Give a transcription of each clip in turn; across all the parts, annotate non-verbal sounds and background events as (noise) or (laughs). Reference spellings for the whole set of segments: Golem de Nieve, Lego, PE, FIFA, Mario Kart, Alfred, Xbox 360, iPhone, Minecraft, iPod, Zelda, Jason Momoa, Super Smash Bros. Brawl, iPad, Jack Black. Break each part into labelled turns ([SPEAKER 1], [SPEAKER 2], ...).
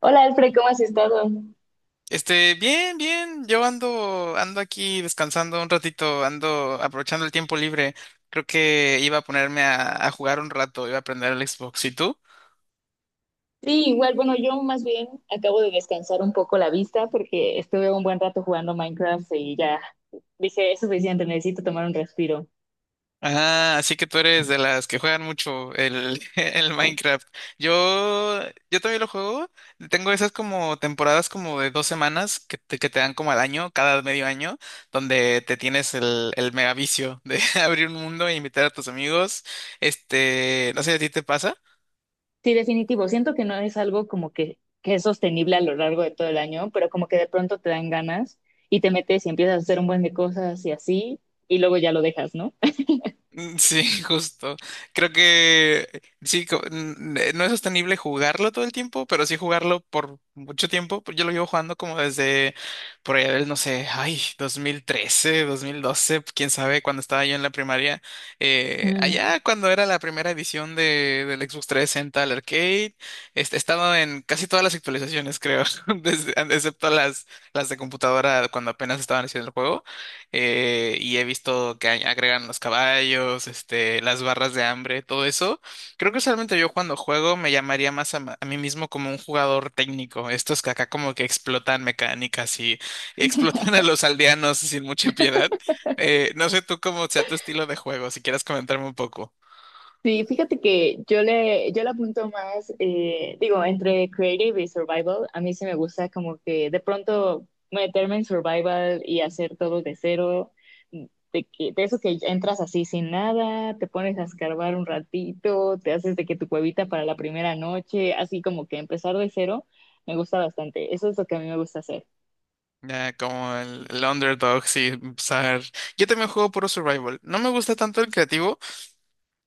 [SPEAKER 1] Hola Alfred, ¿cómo has estado?
[SPEAKER 2] Bien, bien, yo ando, ando aquí descansando un ratito, ando aprovechando el tiempo libre. Creo que iba a ponerme a jugar un rato, iba a aprender el Xbox. ¿Y tú?
[SPEAKER 1] Sí, igual, bueno, yo más bien acabo de descansar un poco la vista porque estuve un buen rato jugando Minecraft y ya dije, es suficiente, necesito tomar un respiro.
[SPEAKER 2] Ah, así que tú eres de las que juegan mucho (laughs) el Minecraft. Yo, yo también lo juego. Tengo esas como temporadas como de dos semanas que te dan como al año, cada medio año, donde te tienes el mega vicio de (laughs) abrir un mundo e invitar a tus amigos. No sé, ¿a ti te pasa?
[SPEAKER 1] Sí, definitivo, siento que no es algo como que, es sostenible a lo largo de todo el año, pero como que de pronto te dan ganas y te metes y empiezas a hacer un buen de cosas y así, y luego ya lo dejas, ¿no?
[SPEAKER 2] Mm, sí, (laughs) justo. Creo que sí, no es sostenible jugarlo todo el tiempo, pero sí jugarlo por mucho tiempo. Pues yo lo llevo jugando como desde por allá del, no sé, ay, 2013, 2012, quién sabe, cuando estaba yo en la primaria. Allá
[SPEAKER 1] (laughs)
[SPEAKER 2] cuando era la primera edición de, del Xbox 360 al arcade, estaba en casi todas las actualizaciones, creo, (laughs) excepto las de computadora cuando apenas estaban haciendo el juego. Eh, y he visto que agregan los caballos, las barras de hambre, todo eso. Creo que solamente yo cuando juego me llamaría más a mí mismo como un jugador técnico, estos que acá como que explotan mecánicas y, (laughs) y explotan a los aldeanos sin mucha piedad. No sé tú cómo sea tu estilo de juego, si quieres comentarme un poco.
[SPEAKER 1] Sí, fíjate que yo le apunto más, digo, entre creative y survival, a mí sí me gusta como que de pronto meterme en survival y hacer todo de cero, de eso que entras así sin nada, te pones a escarbar un ratito, te haces de que tu cuevita para la primera noche, así como que empezar de cero, me gusta bastante. Eso es lo que a mí me gusta hacer.
[SPEAKER 2] Ya, como el underdog, sí, usar. Yo también juego puro survival. No me gusta tanto el creativo.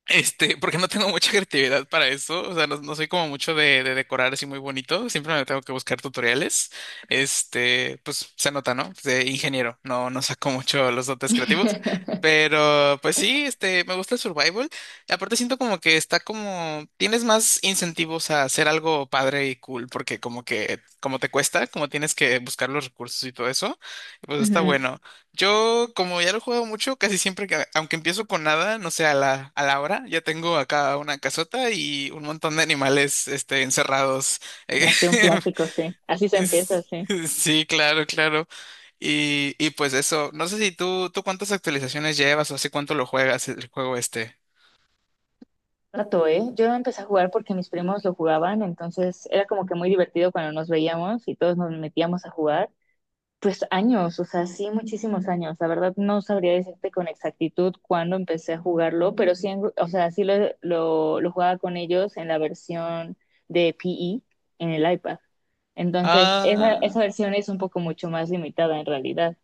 [SPEAKER 2] Porque no tengo mucha creatividad para eso, o sea, no, no soy como mucho de decorar así muy bonito, siempre me tengo que buscar tutoriales, pues se nota, ¿no? De ingeniero, no, no saco mucho los dotes creativos,
[SPEAKER 1] (laughs)
[SPEAKER 2] pero pues sí, me gusta el survival, y aparte siento como que está como, tienes más incentivos a hacer algo padre y cool, porque como que, como te cuesta, como tienes que buscar los recursos y todo eso, pues está
[SPEAKER 1] Ujú.
[SPEAKER 2] bueno. Yo, como ya lo juego mucho, casi siempre que, aunque empiezo con nada, no sé, a la hora, ya tengo acá una casota y un montón de animales, encerrados.
[SPEAKER 1] Así un
[SPEAKER 2] (laughs)
[SPEAKER 1] clásico, sí. Así se empieza,
[SPEAKER 2] Es-
[SPEAKER 1] sí.
[SPEAKER 2] Sí, claro, claro. Y pues eso, no sé si tú cuántas actualizaciones llevas o hace cuánto lo juegas el juego este.
[SPEAKER 1] Rato, ¿eh? Yo no empecé a jugar porque mis primos lo jugaban, entonces era como que muy divertido cuando nos veíamos y todos nos metíamos a jugar. Pues años, o sea, sí, muchísimos años. La verdad no sabría decirte con exactitud cuándo empecé a jugarlo, pero sí, o sea, sí lo jugaba con ellos en la versión de PE en el iPad. Entonces,
[SPEAKER 2] Ah.
[SPEAKER 1] esa versión es un poco mucho más limitada en realidad.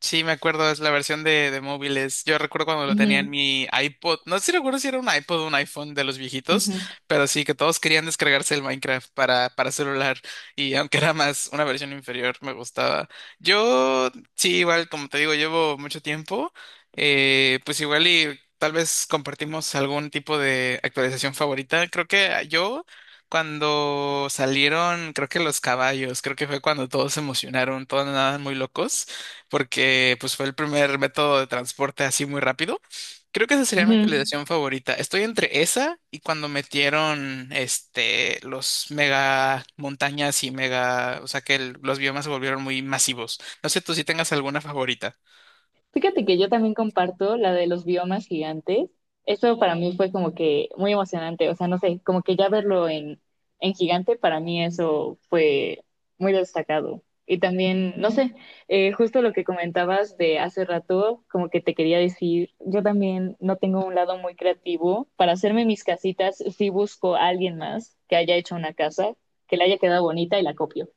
[SPEAKER 2] Sí, me acuerdo, es la versión de móviles. Yo recuerdo cuando lo tenía en
[SPEAKER 1] Ujú,
[SPEAKER 2] mi iPod. No sé si recuerdo si era un iPod o un iPhone de los viejitos,
[SPEAKER 1] ujú,
[SPEAKER 2] pero sí que todos querían descargarse el Minecraft para celular. Y aunque era más una versión inferior, me gustaba. Yo, sí, igual, como te digo, llevo mucho tiempo. Pues igual y tal vez compartimos algún tipo de actualización favorita. Creo que yo. Cuando salieron, creo que los caballos, creo que fue cuando todos se emocionaron, todos andaban muy locos porque pues fue el primer método de transporte así muy rápido. Creo que esa sería mi
[SPEAKER 1] Ujú.
[SPEAKER 2] actualización favorita. Estoy entre esa y cuando metieron los mega montañas y mega, o sea que los biomas se volvieron muy masivos. No sé tú si tengas alguna favorita.
[SPEAKER 1] Fíjate que yo también comparto la de los biomas gigantes. Eso para mí fue como que muy emocionante. O sea, no sé, como que ya en gigante, para mí eso fue muy destacado. Y también, no sé, justo lo que comentabas de hace rato, como que te quería decir, yo también no tengo un lado muy creativo. Para hacerme mis casitas, sí busco a alguien más que haya hecho una casa, que le haya quedado bonita y la copio.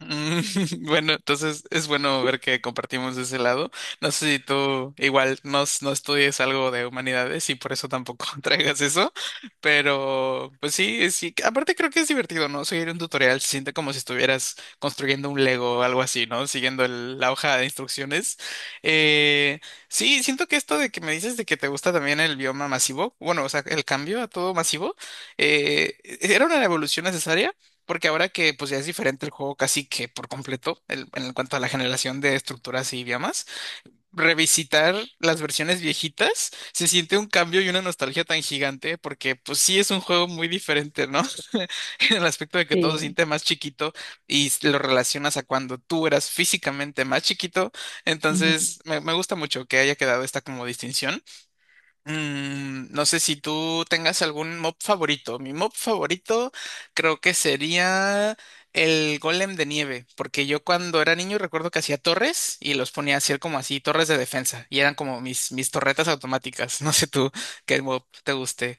[SPEAKER 2] Mm, (laughs) bueno, entonces es bueno ver que compartimos ese lado. No sé si tú igual no, no estudies algo de humanidades y por eso tampoco (laughs) traigas eso, pero pues sí, sí. Aparte creo que es divertido, ¿no? Seguir un tutorial se siente como si estuvieras construyendo un Lego o algo así, ¿no? Siguiendo la hoja de instrucciones. Eh, sí, siento que esto de que me dices de que te gusta también el bioma masivo, bueno, o sea, el cambio a todo masivo, ¿era una evolución necesaria? Porque ahora que pues ya es diferente el juego casi que por completo en cuanto a la generación de estructuras y idiomas, revisitar las versiones viejitas se siente un cambio y una nostalgia tan gigante porque pues sí es un juego muy diferente, ¿no? (laughs) En el aspecto de que todo se
[SPEAKER 1] Sí.
[SPEAKER 2] siente más chiquito y lo relacionas a cuando tú eras físicamente más chiquito, entonces me gusta mucho que haya quedado esta como distinción. Mm, no sé si tú tengas algún mob favorito. Mi mob favorito creo que sería el Golem de Nieve, porque yo cuando era niño recuerdo que hacía torres y los ponía a hacer como así, torres de defensa, y eran como mis torretas automáticas. (laughs) No sé tú qué mob te guste.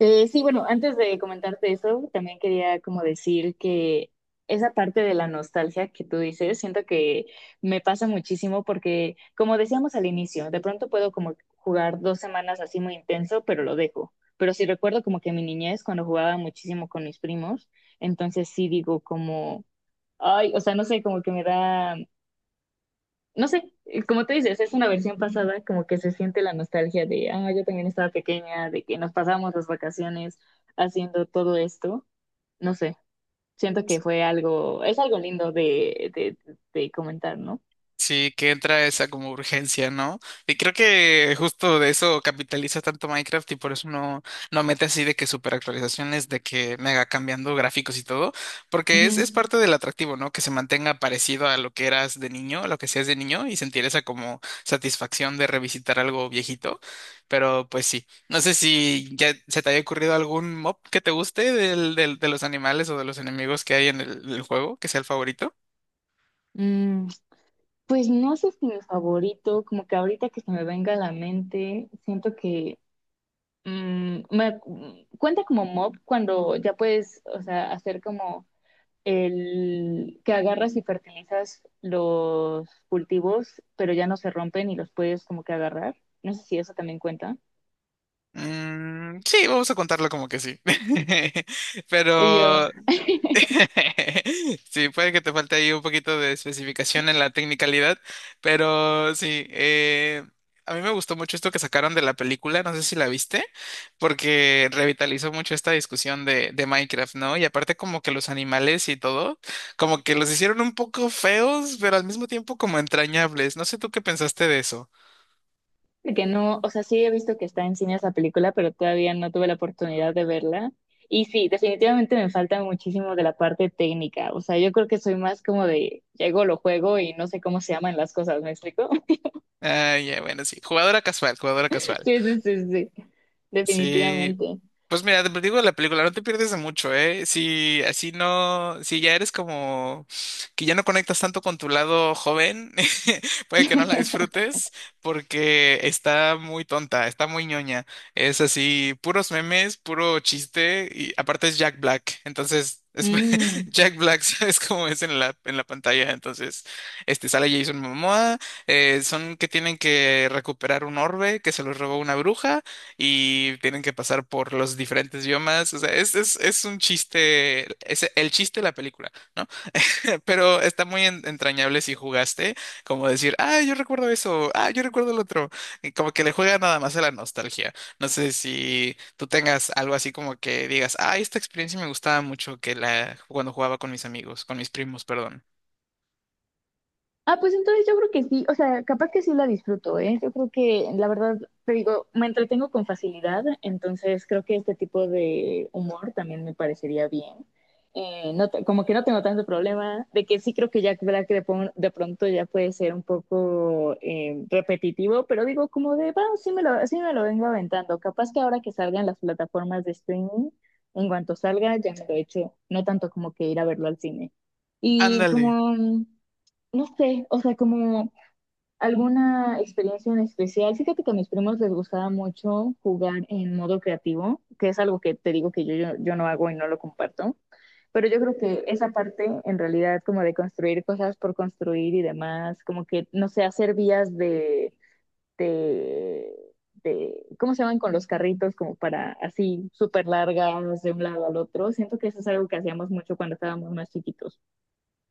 [SPEAKER 1] Sí, bueno, antes de comentarte eso, también quería como decir que esa parte de la nostalgia que tú dices, siento que me pasa muchísimo porque, como decíamos al inicio, de pronto puedo como jugar dos semanas así muy intenso, pero lo dejo. Pero sí recuerdo como que mi niñez, cuando jugaba muchísimo con mis primos, entonces sí digo como, ay, o sea, no sé, como que me da no sé, como tú dices, es una versión pasada, como que se siente la nostalgia de, ah, yo también estaba pequeña, de que nos pasamos las vacaciones haciendo todo esto. No sé, siento que es algo lindo de comentar, ¿no?
[SPEAKER 2] Sí, que entra esa como urgencia, ¿no? Y creo que justo de eso capitaliza tanto Minecraft y por eso no mete así de que super actualizaciones, de que mega cambiando gráficos y todo, porque es
[SPEAKER 1] Ujú.
[SPEAKER 2] parte del atractivo, ¿no? Que se mantenga parecido a lo que eras de niño, a lo que seas de niño y sentir esa como satisfacción de revisitar algo viejito, pero pues sí. No sé si ya se te haya ocurrido algún mob que te guste de los animales o de los enemigos que hay en el juego, que sea el favorito.
[SPEAKER 1] Mm, pues no sé si mi favorito, como que ahorita que se me venga a la mente, siento que mm, me, cuenta como mob cuando ya puedes, o sea, hacer como el que agarras y fertilizas los cultivos, pero ya no se rompen y los puedes como que agarrar. No sé si eso también cuenta.
[SPEAKER 2] Mm, sí, vamos a contarlo como que sí. (laughs)
[SPEAKER 1] Y yo.
[SPEAKER 2] Pero
[SPEAKER 1] (laughs)
[SPEAKER 2] (laughs) sí, puede que te falte ahí un poquito de especificación en la tecnicalidad, pero sí, a mí me gustó mucho esto que sacaron de la película, no sé si la viste, porque revitalizó mucho esta discusión de Minecraft, ¿no? Y aparte como que los animales y todo, como que los hicieron un poco feos, pero al mismo tiempo como entrañables. No sé tú qué pensaste de eso.
[SPEAKER 1] Que no, o sea, sí he visto que está en cine esa película, pero todavía no tuve la oportunidad de verla. Y sí, definitivamente me falta muchísimo de la parte técnica. O sea, yo creo que soy más como de, llego, lo juego y no sé cómo se llaman las cosas, ¿me explico? (laughs)
[SPEAKER 2] Ah, ya, bueno, sí. Jugadora casual, jugadora casual.
[SPEAKER 1] Sí, sí, sí, sí,
[SPEAKER 2] Sí,
[SPEAKER 1] definitivamente.
[SPEAKER 2] pues mira, te digo la película, no te pierdes de mucho, ¿eh? Si así no, si ya eres como que ya no conectas tanto con tu lado joven, (laughs) puede que no la disfrutes porque está muy tonta, está muy ñoña. Es así, puros memes, puro chiste y aparte es Jack Black, entonces es (laughs)
[SPEAKER 1] Mm.
[SPEAKER 2] Jack Black, ¿sabes cómo es en en la pantalla? Entonces, sale Jason Momoa, son que tienen que recuperar un orbe que se los robó una bruja y tienen que pasar por los diferentes biomas. O sea, es un chiste, es el chiste de la película, ¿no? (laughs) Pero está muy entrañable si jugaste, como decir, ah, yo recuerdo eso, ah, yo recuerdo el otro. Y como que le juega nada más a la nostalgia. No sé si tú tengas algo así como que digas, ah, esta experiencia me gustaba mucho que la cuando jugaba con mis amigos, con mis primos, perdón.
[SPEAKER 1] Ah, pues entonces yo creo que sí, o sea, capaz que sí la disfruto, ¿eh? Yo creo que, la verdad, te digo, me entretengo con facilidad, entonces creo que este tipo de humor también me parecería bien. Como que no tengo tanto problema, de que sí creo que Jack Black de, pon- de pronto ya puede ser un poco repetitivo, pero digo, como de, va, sí me lo vengo aventando. Capaz que ahora que salgan las plataformas de streaming, en cuanto salga, ya me lo he hecho, no tanto como que ir a verlo al cine. Y
[SPEAKER 2] Ándale.
[SPEAKER 1] como no sé, o sea, como alguna experiencia en especial. Fíjate que a mis primos les gustaba mucho jugar en modo creativo, que es algo que te digo que yo no hago y no lo comparto. Pero yo creo que esa parte, en realidad, como de construir cosas por construir y demás, como que, no sé, hacer vías de, de ¿cómo se llaman? Con los carritos, como para así, súper largas de un lado al otro. Siento que eso es algo que hacíamos mucho cuando estábamos más chiquitos.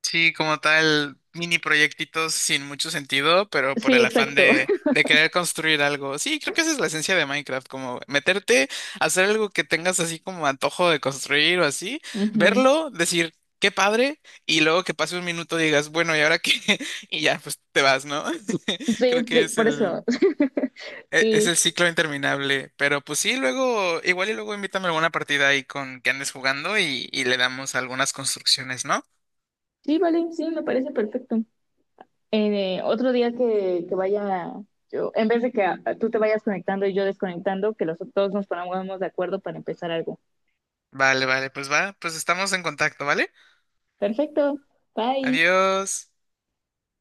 [SPEAKER 2] Sí, como tal, mini proyectitos sin mucho sentido, pero por
[SPEAKER 1] Sí,
[SPEAKER 2] el afán
[SPEAKER 1] exacto.
[SPEAKER 2] de querer construir algo. Sí, creo que esa es la esencia de Minecraft, como meterte, hacer algo que tengas así como antojo de construir o así,
[SPEAKER 1] (laughs) Ujú.
[SPEAKER 2] verlo, decir, qué padre, y luego que pase un minuto digas, bueno, ¿y ahora qué? (laughs) Y ya, pues te vas, ¿no? (laughs)
[SPEAKER 1] Sí,
[SPEAKER 2] Creo que
[SPEAKER 1] sí,
[SPEAKER 2] es
[SPEAKER 1] por eso. (laughs)
[SPEAKER 2] es
[SPEAKER 1] Sí,
[SPEAKER 2] el ciclo interminable. Pero pues sí, luego, igual y luego invítame a alguna partida ahí con que andes jugando y le damos algunas construcciones, ¿no?
[SPEAKER 1] sí, vale, sí, me parece perfecto. Otro día que vaya, yo, en vez de que ah, tú te vayas conectando y yo desconectando, que los dos nos pongamos de acuerdo para empezar algo.
[SPEAKER 2] Vale, vale, pues va, pues estamos en contacto, ¿vale?
[SPEAKER 1] Perfecto, bye.
[SPEAKER 2] Adiós.